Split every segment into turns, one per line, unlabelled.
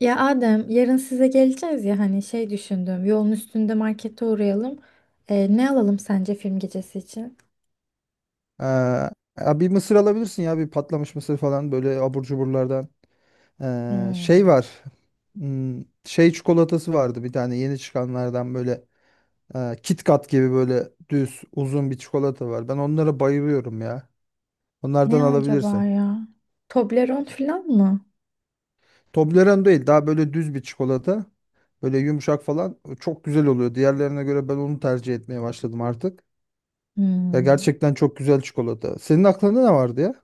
Ya Adem, yarın size geleceğiz ya düşündüm. Yolun üstünde markete uğrayalım. Ne alalım sence film gecesi için?
Ee, ya bir mısır alabilirsin ya bir patlamış mısır falan böyle abur cuburlardan. Şey
Hmm.
var. Şey çikolatası vardı bir tane yeni çıkanlardan böyle Kit Kat gibi böyle düz uzun bir çikolata var. Ben onlara bayılıyorum ya. Onlardan
Ne acaba
alabilirsin.
ya? Toblerone falan mı?
Toblerone değil, daha böyle düz bir çikolata. Böyle yumuşak falan, çok güzel oluyor. Diğerlerine göre ben onu tercih etmeye başladım artık. Ya
Hmm.
gerçekten çok güzel çikolata. Senin aklında ne vardı ya?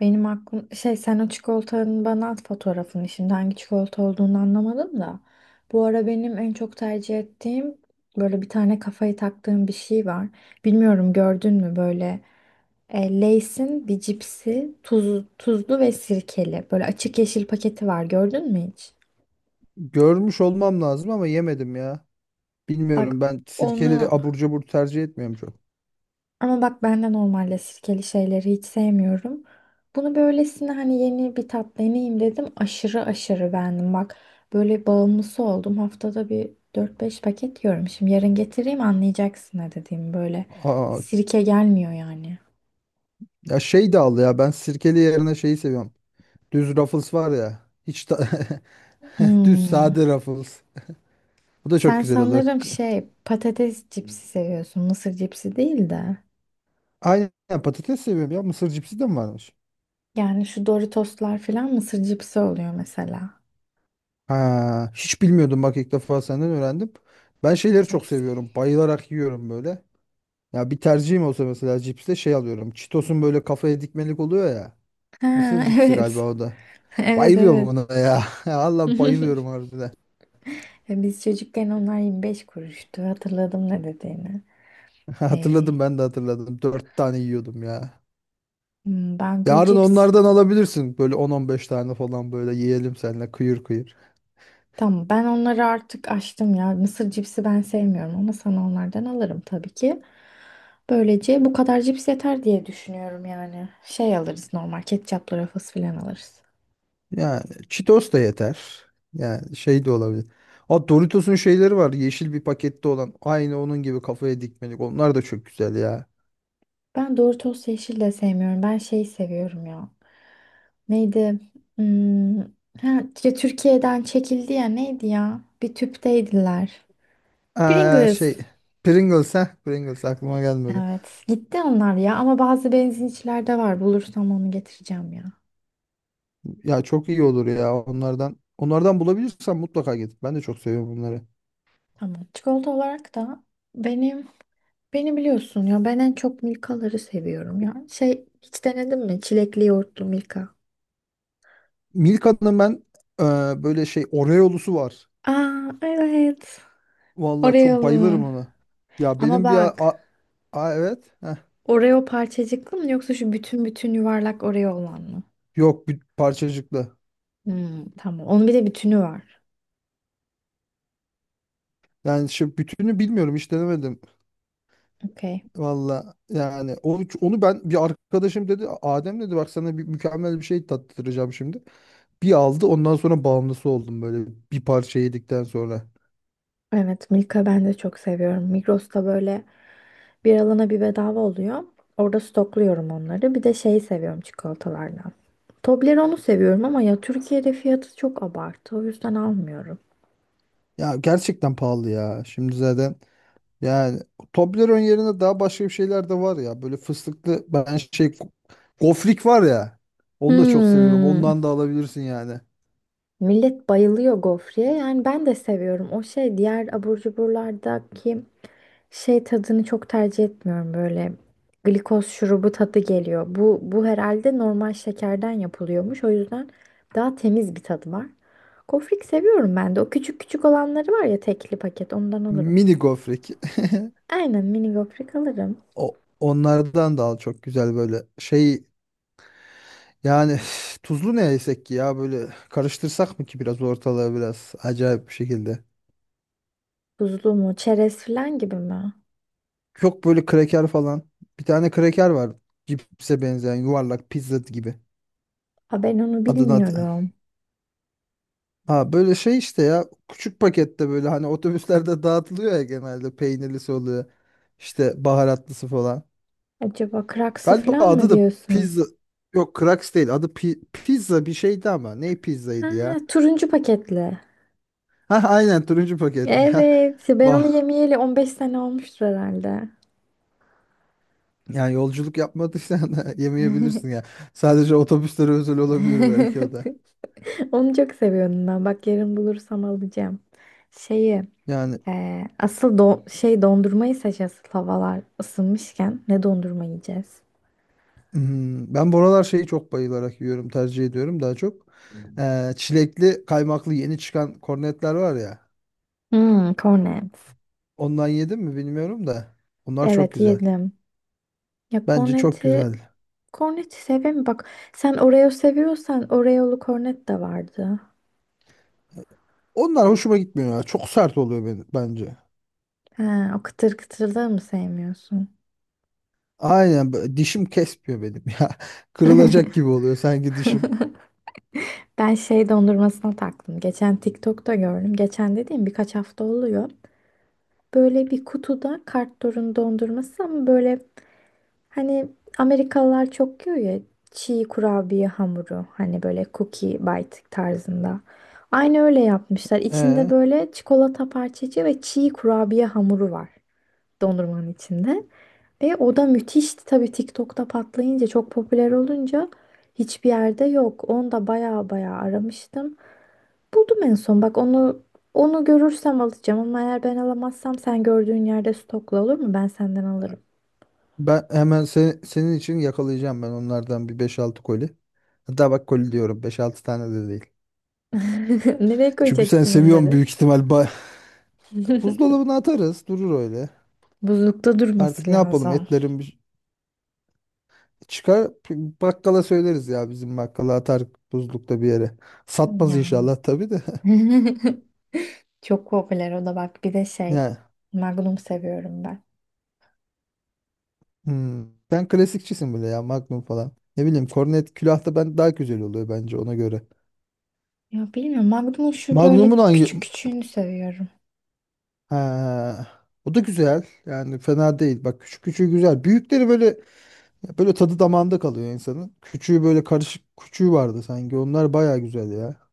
Benim aklım şey, sen o çikolatanın bana at fotoğrafını, şimdi hangi çikolata olduğunu anlamadım da. Bu ara benim en çok tercih ettiğim böyle bir tane kafayı taktığım bir şey var. Bilmiyorum gördün mü böyle Lay's'in bir cipsi, tuzlu ve sirkeli, böyle açık yeşil paketi var, gördün mü hiç?
Görmüş olmam lazım ama yemedim ya.
Bak
Bilmiyorum, ben sirkeli
onu.
abur cubur tercih etmiyorum çok.
Ama bak, ben de normalde sirkeli şeyleri hiç sevmiyorum. Bunu böylesine, hani yeni bir tat deneyeyim dedim. Aşırı aşırı beğendim. Bak böyle bağımlısı oldum. Haftada bir dört beş paket yiyorum. Şimdi yarın getireyim, anlayacaksın ne dediğim böyle.
Aa,
Sirke gelmiyor yani.
ya şey de al ya, ben sirkeli yerine şeyi seviyorum. Düz Ruffles var ya. Hiç ta- düz
Hmm.
sade Ruffles. Bu da çok
Sen
güzel oluyor.
sanırım şey, patates cipsi seviyorsun. Mısır cipsi değil de.
Aynen, patates seviyorum ya. Mısır cipsi de mi varmış?
Yani şu Doritoslar falan mısır cipsi oluyor mesela.
Ha, hiç bilmiyordum bak, ilk defa senden öğrendim. Ben şeyleri çok
Evet.
seviyorum. Bayılarak yiyorum böyle. Ya bir tercihim olsa mesela cipste şey alıyorum. Cheetos'un böyle kafaya dikmelik oluyor ya.
Ha,
Mısır cipsi galiba
evet.
o da.
Evet,
Bayılıyorum
evet.
buna ya. Allah, bayılıyorum harbiden.
Ya biz çocukken onlar 25 kuruştu. Hatırladım ne dediğini. Ee,
Hatırladım, ben de hatırladım. Dört tane yiyordum ya.
Ben bu
Yarın
cips...
onlardan alabilirsin. Böyle 10 15 tane falan böyle yiyelim seninle kıyır kıyır.
Tamam, ben onları artık açtım ya. Mısır cipsi ben sevmiyorum ama sana onlardan alırım tabii ki. Böylece bu kadar cips yeter diye düşünüyorum yani. Şey alırız, normal ketçaplı rafız falan alırız.
Yani Cheetos da yeter. Yani şey de olabilir. O Doritos'un şeyleri var. Yeşil bir pakette olan. Aynı onun gibi kafaya dikmelik. Onlar da çok güzel ya.
Ben Doritos yeşil de sevmiyorum. Ben şeyi seviyorum ya. Neydi? Hmm, ha, Ya Türkiye'den çekildi ya, neydi ya? Bir tüpteydiler.
Ee,
Pringles.
şey Pringles ha. Pringles aklıma gelmedi.
Evet. Gitti onlar ya ama bazı benzinçilerde var. Bulursam onu getireceğim ya.
Ya çok iyi olur ya onlardan. Onlardan bulabilirsem mutlaka git. Ben de çok seviyorum bunları.
Tamam. Çikolata olarak da benim, beni biliyorsun ya, ben en çok Milka'ları seviyorum ya. Şey hiç denedin mi? Çilekli yoğurtlu Milka.
Milka'nın ben e, böyle şey Oreo'lusu var.
Aa, evet.
Vallahi çok bayılırım
Oreo'lu.
ona. Ya
Ama
benim bir a,
bak,
a- a- evet. Heh.
Oreo parçacıklı mı yoksa şu bütün bütün yuvarlak Oreo olan mı?
Yok, bir parçacıklı.
Hmm, tamam. Onun bir de bütünü var.
Yani şimdi bütünü bilmiyorum, hiç denemedim.
Okey.
Valla yani onu ben, bir arkadaşım dedi, Adem dedi, bak sana bir mükemmel bir şey tattıracağım şimdi. Bir aldı, ondan sonra bağımlısı oldum böyle, bir parça yedikten sonra.
Evet, Milka ben de çok seviyorum. Migros'ta böyle bir alana bir bedava oluyor. Orada stokluyorum onları. Bir de şeyi seviyorum çikolatalardan. Toblerone'u seviyorum ama ya Türkiye'de fiyatı çok abartı. O yüzden almıyorum.
Ya gerçekten pahalı ya. Şimdi zaten, yani Toblerone yerine daha başka bir şeyler de var ya. Böyle fıstıklı, ben şey gofrik var ya. Onu da çok seviyorum. Ondan
Hmm.
da alabilirsin yani.
Millet bayılıyor gofreye. Yani ben de seviyorum. O şey, diğer abur cuburlardaki şey tadını çok tercih etmiyorum. Böyle glikoz şurubu tadı geliyor. Bu herhalde normal şekerden yapılıyormuş. O yüzden daha temiz bir tadı var. Gofrik seviyorum ben de. O küçük küçük olanları var ya, tekli paket, ondan alırım.
Mini gofrik.
Aynen mini gofret alırım.
O, onlardan da al, çok güzel böyle şey, yani tuzlu ne yesek ki ya, böyle karıştırsak mı ki biraz ortalığı, biraz acayip bir şekilde.
Buzlu mu? Çerez falan gibi mi?
Çok böyle kraker falan. Bir tane kraker var. Cipse benzeyen yuvarlak pizza gibi.
Ha, ben onu
Adını hat-
bilmiyorum.
ha böyle şey işte, ya küçük pakette böyle, hani otobüslerde dağıtılıyor ya, genelde peynirlisi oluyor. İşte baharatlısı falan.
Acaba kraksı
Galiba
falan mı
adı da
diyorsun?
pizza, yok Crax değil adı, pi- pizza bir şeydi, ama ne
Ha,
pizzaydı ya.
turuncu paketli.
Ha aynen, turuncu paketli ya.
Evet, ben onu
Bah,
yemeyeli 15 sene olmuştur herhalde.
yani yolculuk yapmadıysan da yemeyebilirsin ya. Sadece otobüslere özel olabilir belki o da.
Onu çok seviyorum ben. Bak yarın bulursam alacağım. Şeyi,
Yani
e, asıl don şey dondurmayı seç, asıl havalar ısınmışken ne dondurma yiyeceğiz?
hmm, ben buralar şeyi çok bayılarak yiyorum, tercih ediyorum daha çok. Çilekli kaymaklı yeni çıkan kornetler var ya.
Hmm, cornets.
Ondan yedim mi bilmiyorum da. Onlar çok
Evet,
güzel.
yedim. Ya
Bence çok
korneti,
güzel.
korneti seveyim mi? Bak sen Oreo seviyorsan Oreo'lu kornet de vardı.
Onlar hoşuma gitmiyor ya. Çok sert oluyor benim, bence.
He, o kıtır kıtırlığı mı sevmiyorsun?
Aynen, b- dişim kesmiyor benim ya. Kırılacak gibi oluyor sanki dişim.
Ben şey dondurmasına taktım. Geçen TikTok'ta gördüm. Geçen dediğim birkaç hafta oluyor. Böyle bir kutuda Kartdor'un dondurması, ama böyle hani Amerikalılar çok yiyor ya, çiğ kurabiye hamuru, hani böyle cookie bite tarzında. Aynı öyle yapmışlar. İçinde
Ee,
böyle çikolata parçacığı ve çiğ kurabiye hamuru var. Dondurmanın içinde. Ve o da müthişti tabii, TikTok'ta patlayınca, çok popüler olunca hiçbir yerde yok. Onu da baya baya aramıştım. Buldum en son. Bak onu, onu görürsem alacağım ama eğer ben alamazsam sen gördüğün yerde stokla, olur mu? Ben senden alırım.
Ben hemen se- senin için yakalayacağım, ben onlardan bir beş altı koli. Hatta bak, koli diyorum, beş altı tane de değil.
Nereye
Çünkü sen
koyacaksın
seviyorsun
onları?
büyük ihtimal. Ba- buzdolabına atarız, durur öyle.
Buzlukta
Artık
durması
ne yapalım,
lazım.
etlerim çıkar, bakkala söyleriz ya, bizim bakkala atar, buzlukta bir yere. Satmaz
Ya.
inşallah tabii de.
Çok popüler o da. Bak bir de şey,
Ya
Magnum seviyorum ben.
hmm. Sen klasikçisin böyle ya, Magnum falan. Ne bileyim, Kornet külahta ben daha güzel oluyor bence ona göre.
Ya bilmiyorum, Magnum'un şu böyle
Magnum'un hangi,
küçük küçüğünü seviyorum.
ha, o da güzel. Yani fena değil. Bak küçük küçüğü güzel. Büyükleri böyle, böyle tadı damağında kalıyor insanın. Küçüğü, böyle karışık küçüğü vardı sanki. Onlar baya güzel ya.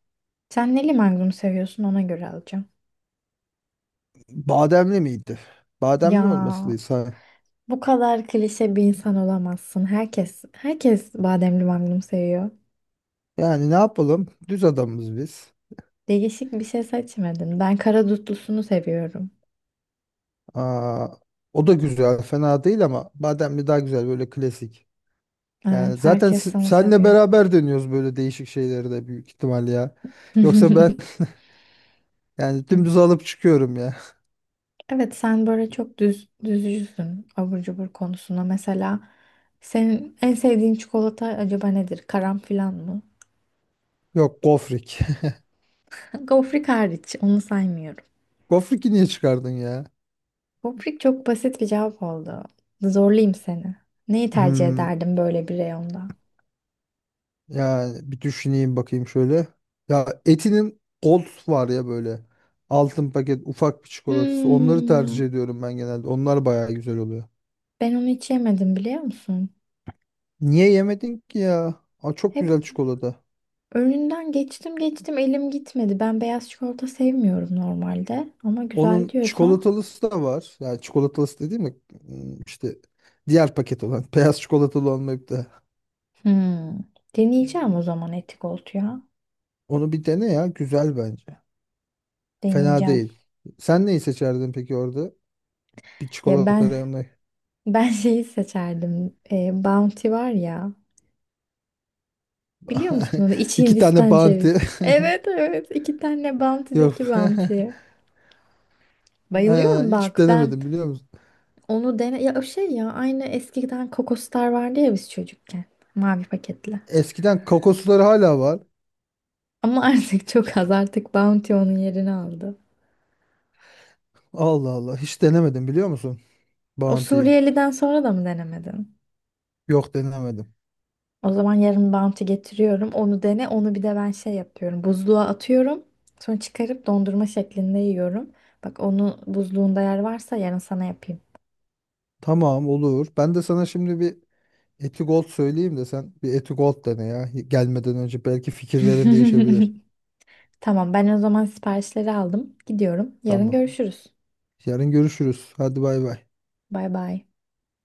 Sen neli magnum seviyorsun, ona göre alacağım.
Bademli miydi? Bademli
Ya
olmasıysa.
bu kadar klişe bir insan olamazsın. Herkes bademli magnum seviyor.
Yani ne yapalım? Düz adamız biz.
Değişik bir şey seçmedin. Ben kara dutlusunu seviyorum.
Aa, o da güzel, fena değil ama bademli daha güzel, böyle klasik.
Evet,
Yani zaten
herkes
s-
onu
senle
seviyor.
beraber dönüyoruz böyle değişik şeyleri de büyük ihtimal ya. Yoksa ben yani dümdüz alıp çıkıyorum ya.
Evet, sen böyle çok düz düzcüsün abur cubur konusunda. Mesela senin en sevdiğin çikolata acaba nedir? Karanfil mı?
Yok, gofrik.
Gofrik hariç, onu saymıyorum.
Gofrik'i niye çıkardın ya?
Poprik çok basit bir cevap oldu. Zorlayayım seni. Neyi tercih
Hmm,
ederdin böyle bir reyonda?
yani bir düşüneyim bakayım şöyle. Ya Eti'nin Gold var ya böyle. Altın paket ufak bir çikolatası. Onları
Hmm,
tercih ediyorum ben genelde. Onlar bayağı güzel oluyor.
ben onu hiç yemedim, biliyor musun?
Niye yemedin ki ya? Aa, çok
Hep
güzel çikolata.
önünden geçtim geçtim, elim gitmedi. Ben beyaz çikolata sevmiyorum normalde. Ama güzel
Onun
diyorsan.
çikolatalısı da var. Yani çikolatalısı dediğim mi? İşte diğer paket olan. Beyaz çikolatalı olmayıp da.
Hmm, deneyeceğim o zaman, etik ya.
Onu bir dene ya. Güzel bence. Fena
Deneyeceğim.
değil. Sen neyi seçerdin peki orada? Bir
Ya
çikolata
ben
reyonu.
ben şeyi seçerdim. Bounty var ya. Biliyor musun onu? İç
İki tane
Hindistan
Bounty.
cevizi. Evet, evet. İki tane
Yok.
Bounty'deki Bounty.
Ha,
Bayılıyorum
hiç
bak ben,
denemedim biliyor musun?
onu dene ya, o şey ya, aynı eskiden Kokostar vardı ya biz çocukken, mavi paketli.
Eskiden kokosları hala var.
Ama artık çok az, artık Bounty onun yerini aldı.
Allah Allah. Hiç denemedim biliyor musun?
O
Bounty'yi.
Suriyeli'den sonra da mı denemedin?
Yok, denemedim.
O zaman yarın Bounty getiriyorum, onu dene. Onu bir de ben şey yapıyorum, buzluğa atıyorum, sonra çıkarıp dondurma şeklinde yiyorum. Bak onu, buzluğunda yer varsa yarın sana yapayım.
Tamam, olur. Ben de sana şimdi bir Eti Gold söyleyeyim de sen bir Eti Gold dene ya. Gelmeden önce belki fikirlerin değişebilir.
Tamam, ben o zaman siparişleri aldım, gidiyorum, yarın
Tamam.
görüşürüz.
Yarın görüşürüz. Hadi bay bay.
Bay bay.